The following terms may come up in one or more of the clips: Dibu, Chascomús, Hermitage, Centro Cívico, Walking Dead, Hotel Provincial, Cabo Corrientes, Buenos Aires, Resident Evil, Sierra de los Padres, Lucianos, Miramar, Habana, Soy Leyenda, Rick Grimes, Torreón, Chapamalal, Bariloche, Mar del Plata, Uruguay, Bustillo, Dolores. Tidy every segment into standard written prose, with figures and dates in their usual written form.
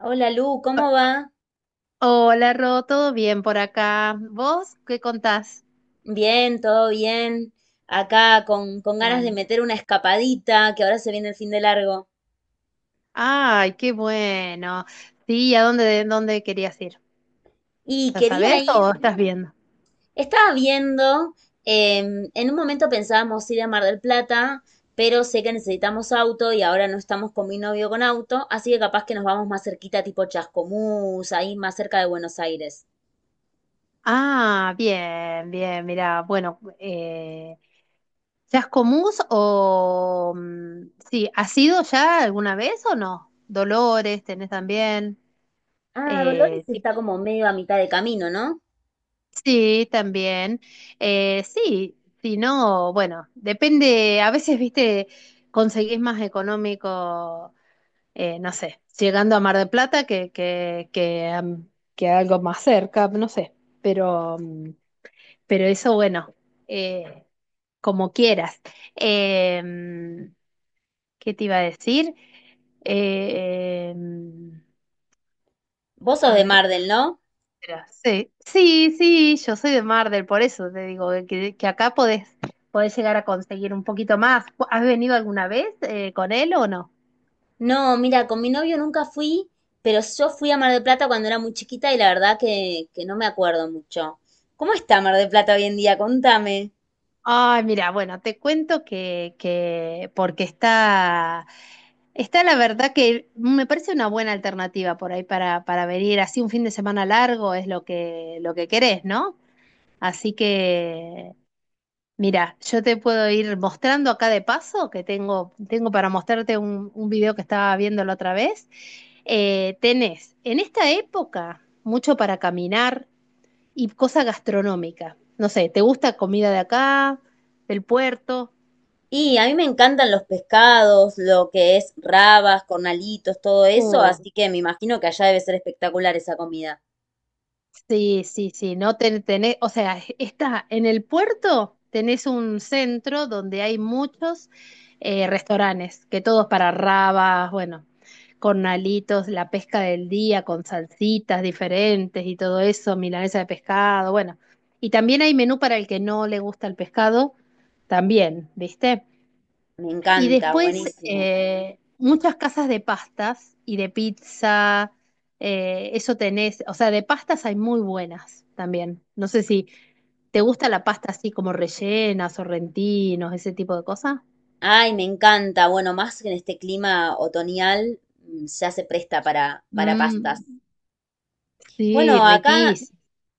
Hola Lu, ¿cómo va? Hola, Ro, ¿todo bien por acá? ¿Vos qué contás? Bien, todo bien. Acá con ganas de Bueno. meter una escapadita, que ahora se viene el fin de largo. Ay, qué bueno. Sí, ¿a dónde querías ir? Y ¿Ya quería sabés ir, o estás viendo? estaba viendo, em, En un momento pensábamos ir a Mar del Plata, pero sé que necesitamos auto y ahora no estamos con mi novio con auto, así que capaz que nos vamos más cerquita, tipo Chascomús, ahí más cerca de Buenos Aires. Ah, bien, bien, mira, bueno, ¿Chascomús o? Sí, ¿has ido ya alguna vez o no? Dolores, tenés también. Ah, Dolores Eh, está como medio a mitad de camino, ¿no? Sí, también. Sí, si no, bueno, depende, a veces, viste, conseguís más económico, no sé, llegando a Mar del Plata que que algo más cerca, no sé, pero, mm, pero eso, bueno, eh, como quieras. Em, ¿Qué te iba a decir? Eh, Em, Vos sos a de ver, Mar del, ¿no? mira, sí, sí, sí, yo soy de Mar del, por eso te digo que acá podés llegar a conseguir un poquito más. ¿Has venido alguna vez con él o no? No, mira, con mi novio nunca fui, pero yo fui a Mar del Plata cuando era muy chiquita y la verdad que no me acuerdo mucho. ¿Cómo está Mar del Plata hoy en día? Contame. Ay, mira, bueno, te cuento que porque está la verdad que me parece una buena alternativa por ahí para venir así un fin de semana largo es lo que querés, ¿no? Así que mira, yo te puedo ir mostrando acá de paso, que tengo para mostrarte un video que estaba viendo la otra vez. Tenés en esta época mucho para caminar y cosa gastronómica. No sé, ¿te gusta comida de acá, del puerto? Y a mí me encantan los pescados, lo que es rabas, cornalitos, todo eso, así que me imagino que allá debe ser espectacular esa comida. Sí, sí, sí, no tenés, o sea, está en el puerto, tenés un centro donde hay muchos restaurantes, que todos para rabas, bueno, cornalitos, la pesca del día con salsitas diferentes y todo eso, milanesa de pescado, bueno. Y también hay menú para el que no le gusta el pescado, también, ¿viste? Me Y encanta, después buenísimo. Muchas casas de pastas y de pizza. Eso tenés, o sea, de pastas hay muy buenas también. No sé si te gusta la pasta así como rellena, sorrentinos, ese tipo de cosas. Ay, me encanta. Bueno, más que en este clima otoñal ya se presta para pastas. Mm, sí. Bueno, acá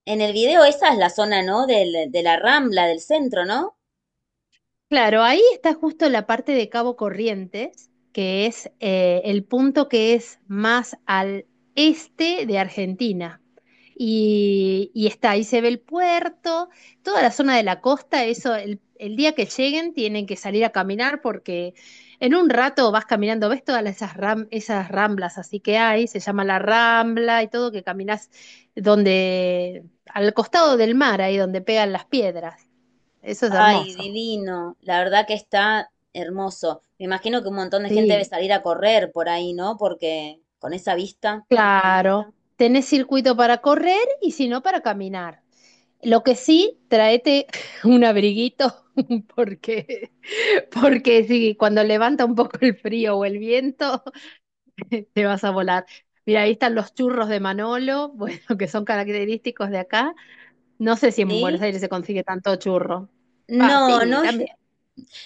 en el video esa es la zona, ¿no? De la Rambla, del centro, ¿no? Claro, ahí está justo la parte de Cabo Corrientes, que es el punto que es más al este de Argentina. Y está, ahí se ve el puerto, toda la zona de la costa, eso, el día que lleguen tienen que salir a caminar porque en un rato vas caminando, ves todas esas, esas ramblas así que hay, se llama la rambla y todo, que caminas donde, al costado del mar, ahí donde pegan las piedras. Eso es Ay, hermoso. divino. La verdad que está hermoso. Me imagino que un montón de gente debe Sí. salir a correr por ahí, ¿no? Porque con esa vista, Claro, tenés circuito para correr y si no para caminar. Lo que sí, tráete un abriguito porque, porque si cuando levanta un poco el frío o el viento, te vas a volar. Mira, ahí están los churros de Manolo, bueno, que son característicos de acá. No sé si en Buenos ¿sí? Aires se consigue tanto churro. Va, No, sí. no. es-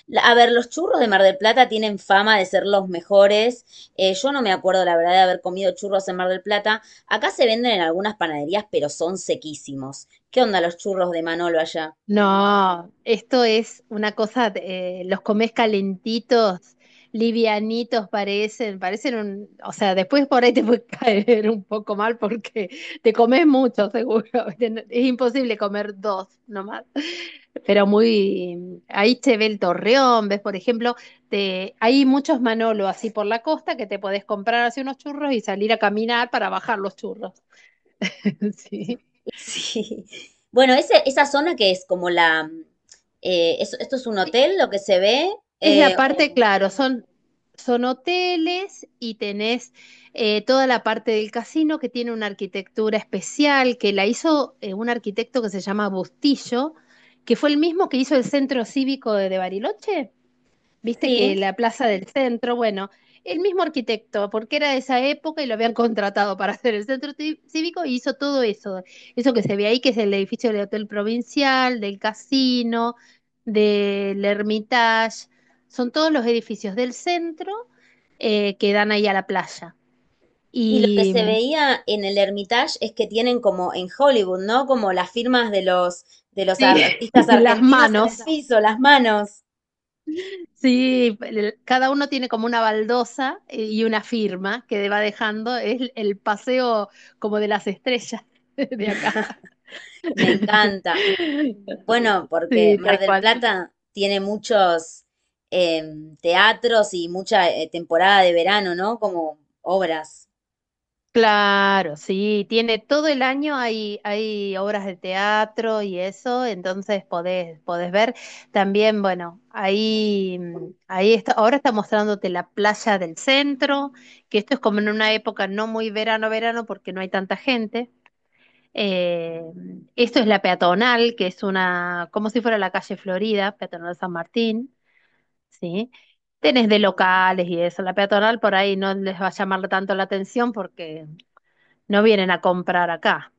la- A ver, los churros de Mar del Plata tienen fama de ser los mejores. Yo no me acuerdo, la verdad, de haber comido churros en Mar del Plata. Acá se venden en algunas panaderías, pero son sequísimos. ¿Qué onda los churros de Manolo allá? No, esto es una cosa, los comes calentitos, livianitos parecen o sea, después por ahí te puede caer un poco mal porque te comes mucho, seguro. Es imposible comer dos nomás. Pero ahí se ve el Torreón, ves, por ejemplo, hay muchos Manolo así por la costa que te podés comprar así unos churros y salir a caminar para bajar los churros. Sí. Sí. Bueno, esa zona que es como la... Esto es un hotel, lo que se ve. Es eh, la parte, o- claro, son hoteles y tenés toda la parte del casino que tiene una arquitectura especial que la hizo un arquitecto que se llama Bustillo, que fue el mismo que hizo el Centro Cívico de Bariloche. Viste que sí. la plaza del centro, bueno, el mismo arquitecto, porque era de esa época y lo habían contratado para hacer el centro cívico y hizo todo eso. Eso que se ve ahí, que es el edificio del Hotel Provincial, del casino, del Hermitage. Son todos los edificios del centro que dan ahí a la playa. Y lo que Y se veía en el Hermitage es que tienen como en Hollywood, ¿no? Como las firmas de los, de los sí, artistas y las argentinos en el manos. piso, las manos. Sí, cada uno tiene como una baldosa y una firma que va dejando. Es el paseo como de las estrellas de acá. Me encanta. Bueno, porque Sí, Mar tal del cual. Plata tiene muchos teatros y mucha temporada de verano, ¿no? Como obras. Claro, sí, tiene todo el año hay obras de teatro y eso, entonces podés ver. También, bueno, ahí está, ahora está mostrándote la playa del centro, que esto es como en una época no muy verano, verano, porque no hay tanta gente. Eh, Esto es la peatonal, que es una, como si fuera la calle Florida, peatonal San Martín, ¿sí? Tenés de Sí. locales y eso. La peatonal por ahí no les va a llamar tanto la atención porque no vienen a comprar acá.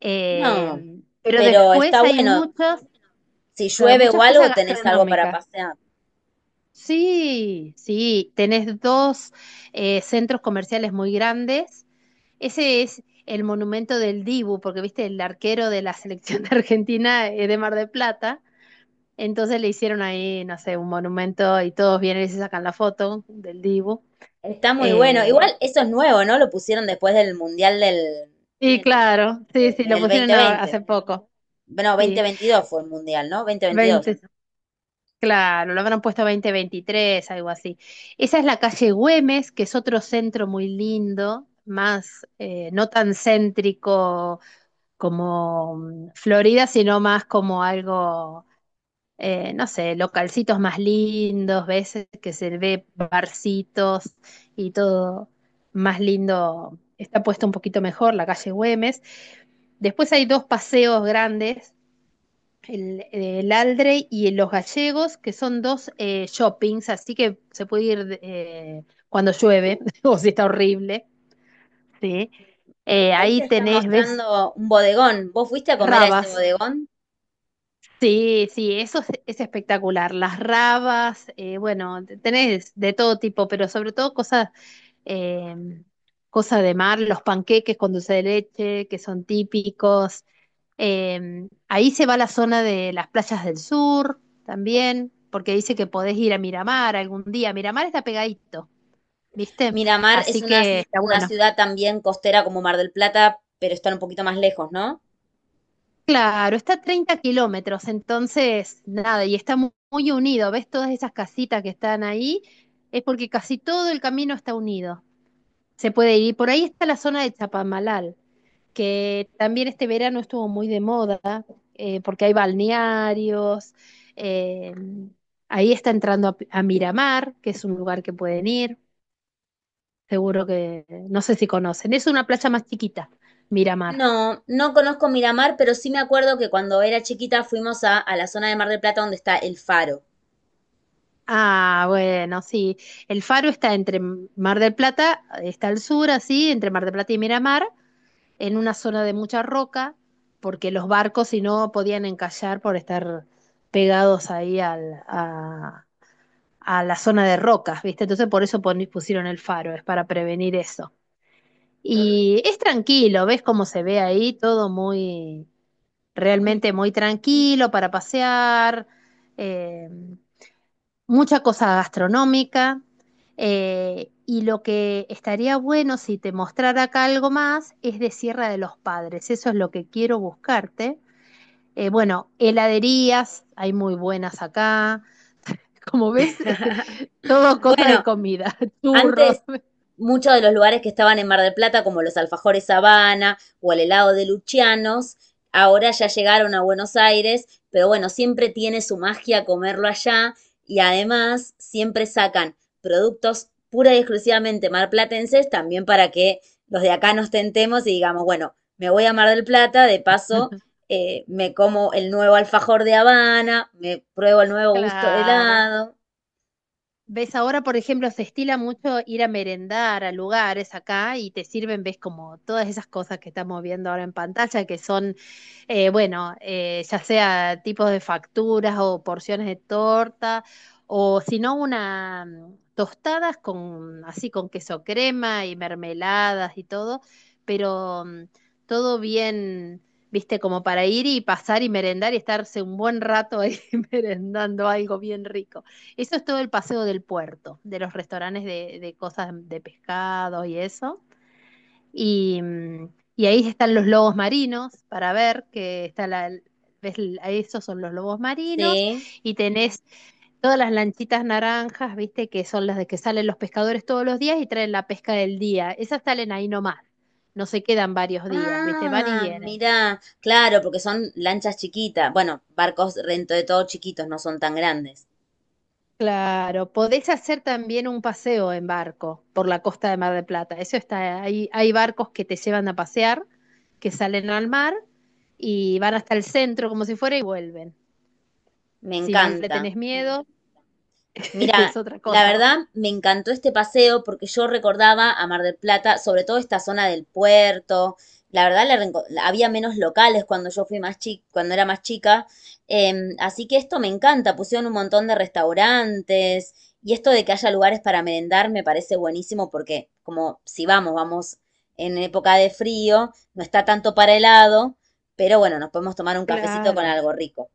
Eh, No, pero pero está después hay bueno. muchas, Si claro, llueve o muchas cosas algo, tenés algo para gastronómicas. pasear. Sí, sí, tenés dos centros comerciales muy grandes. Ese es el monumento del Dibu, porque viste, el arquero de la selección de Argentina es de Mar del Plata. Entonces le hicieron ahí, no sé, un monumento y todos vienen y se sacan la foto del Dibu. Está muy bueno. Igual Eh, eso es nuevo, ¿no? Lo pusieron después del Mundial del, y claro, sí, sí, lo del dos pusieron mil veinte. hace poco. Bueno, dos mil veintidós fue el Mundial, ¿no? 2022. 20, claro, lo habrán puesto 2023, algo así. Esa es la calle Güemes, que es otro centro muy lindo, más no tan céntrico como Florida, sino más como algo no sé, localcitos más lindos, veces que se ve barcitos y todo más lindo, está puesto un poquito mejor, la calle Güemes. Después hay dos paseos grandes, el Aldre y el Los Gallegos, que son dos shoppings, así que se puede ir cuando llueve o si está horrible. ¿Sí? Ahí Ahí te está tenés, ves mostrando un bodegón. ¿Vos fuiste a comer a ese rabas. bodegón? Sí, sí, eso es espectacular. Las rabas, bueno, tenés de todo tipo, pero sobre todo cosas, eh, cosas de mar, los panqueques con dulce de leche, que son típicos. Ahí se va la zona de las playas del sur también, porque dice que podés ir a Miramar algún día. Miramar está pegadito, ¿viste? Miramar es Así que está una bueno. ciudad también costera como Mar del Plata, pero están un poquito más lejos, ¿no? Claro, está a 30 kilómetros, entonces nada, y está muy, unido. ¿Ves todas esas casitas que están ahí? Es porque casi todo el camino está unido. Se puede ir. Por ahí está la zona de Chapamalal, que también este verano estuvo muy de moda, porque hay balnearios. eh, Ahí está entrando a Miramar, que es un lugar que pueden ir. Seguro que, no sé si conocen. Es una playa más chiquita, Miramar. No, no conozco Miramar, pero sí me acuerdo que cuando era chiquita fuimos a la zona de Mar del Plata donde está el faro. Ah, bueno, sí. El faro está entre Mar del Plata, está al sur, así, entre Mar del Plata y Miramar, en una zona de mucha roca, porque los barcos si no podían encallar por estar pegados ahí a la zona de rocas, ¿viste? Entonces por eso pusieron el faro, es para prevenir eso. Y es tranquilo, ves cómo se ve ahí, todo muy, realmente muy tranquilo para pasear. eh, Mucha cosa gastronómica. Y lo que estaría bueno si te mostrara acá algo más es de Sierra de los Padres. Eso es lo que quiero buscarte. Bueno, heladerías, hay muy buenas acá. Como ves, todo cosa de Bueno, comida, churros, antes muchos de los lugares que estaban en Mar del Plata, como los alfajores Habana o el helado de Lucianos, ahora ya llegaron a Buenos Aires, pero bueno, siempre tiene su magia comerlo allá y además siempre sacan productos pura y exclusivamente marplatenses también para que los de acá nos tentemos y digamos, bueno, me voy a Mar del Plata, de paso me como el nuevo alfajor de Habana, me pruebo el nuevo gusto de claro. helado, Ves, ahora, por ejemplo, se estila mucho ir a merendar a lugares acá y te sirven, ves, como todas esas cosas que estamos viendo ahora en pantalla, que son bueno, ya sea tipos de facturas o porciones de torta, o si no, una tostadas con así con queso crema y mermeladas y todo, pero todo bien, viste, como para ir y pasar y merendar y estarse un buen rato ahí merendando algo bien rico. Eso es todo el paseo del puerto, de los restaurantes de cosas de pescado y eso. Y, mm, y ahí están los lobos marinos para ver que está la, ves, ahí esos son los lobos marinos ¿sí? y tenés todas las lanchitas naranjas, viste, que son las de que salen los pescadores todos los días y traen la pesca del día. Esas salen ahí nomás, no se quedan varios días, viste, van y Ah, vienen. mirá, claro, porque son lanchas chiquitas. Bueno, barcos dentro de todo chiquitos, no son tan grandes. Claro, podés hacer también un paseo en barco por la costa de Mar del Plata. Eso está, hay barcos que te llevan a pasear, que salen al mar y van hasta el centro como si fuera y vuelven. Me Si no le encanta. tenés miedo, Mira, es otra la cosa. verdad me encantó este paseo porque yo recordaba a Mar del Plata, sobre todo esta zona del puerto. La verdad había menos locales cuando yo fui más chica, cuando era más chica. Em, así que esto me encanta. Pusieron un montón de restaurantes y esto de que haya lugares para merendar me parece buenísimo porque como si vamos en época de frío, no está tanto para helado, pero bueno, nos podemos tomar un cafecito con Claro. algo rico.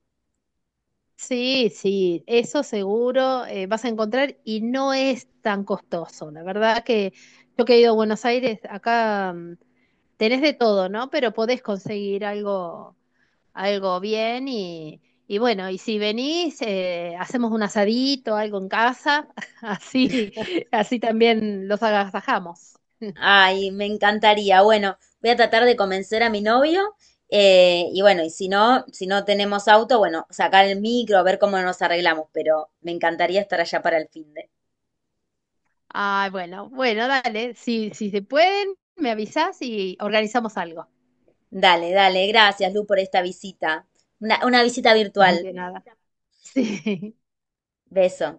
Sí, sí, eso seguro vas a encontrar y no es tan costoso. La verdad que yo que he ido a Buenos Aires, acá tenés de todo, ¿no? Pero podés conseguir algo bien y bueno, y si venís, hacemos un asadito, algo en casa, así, así también los agasajamos. Ay, me encantaría. Bueno, voy a tratar de convencer a mi novio. Y bueno, y si no, si no tenemos auto, bueno, sacar el micro, ver cómo nos arreglamos, pero me encantaría estar allá para el fin de. Ah, bueno, bueno, dale. Si, si se pueden, me avisas y organizamos algo. Dale, dale, gracias, Lu, por esta visita. Una visita virtual. De nada. Sí. Beso.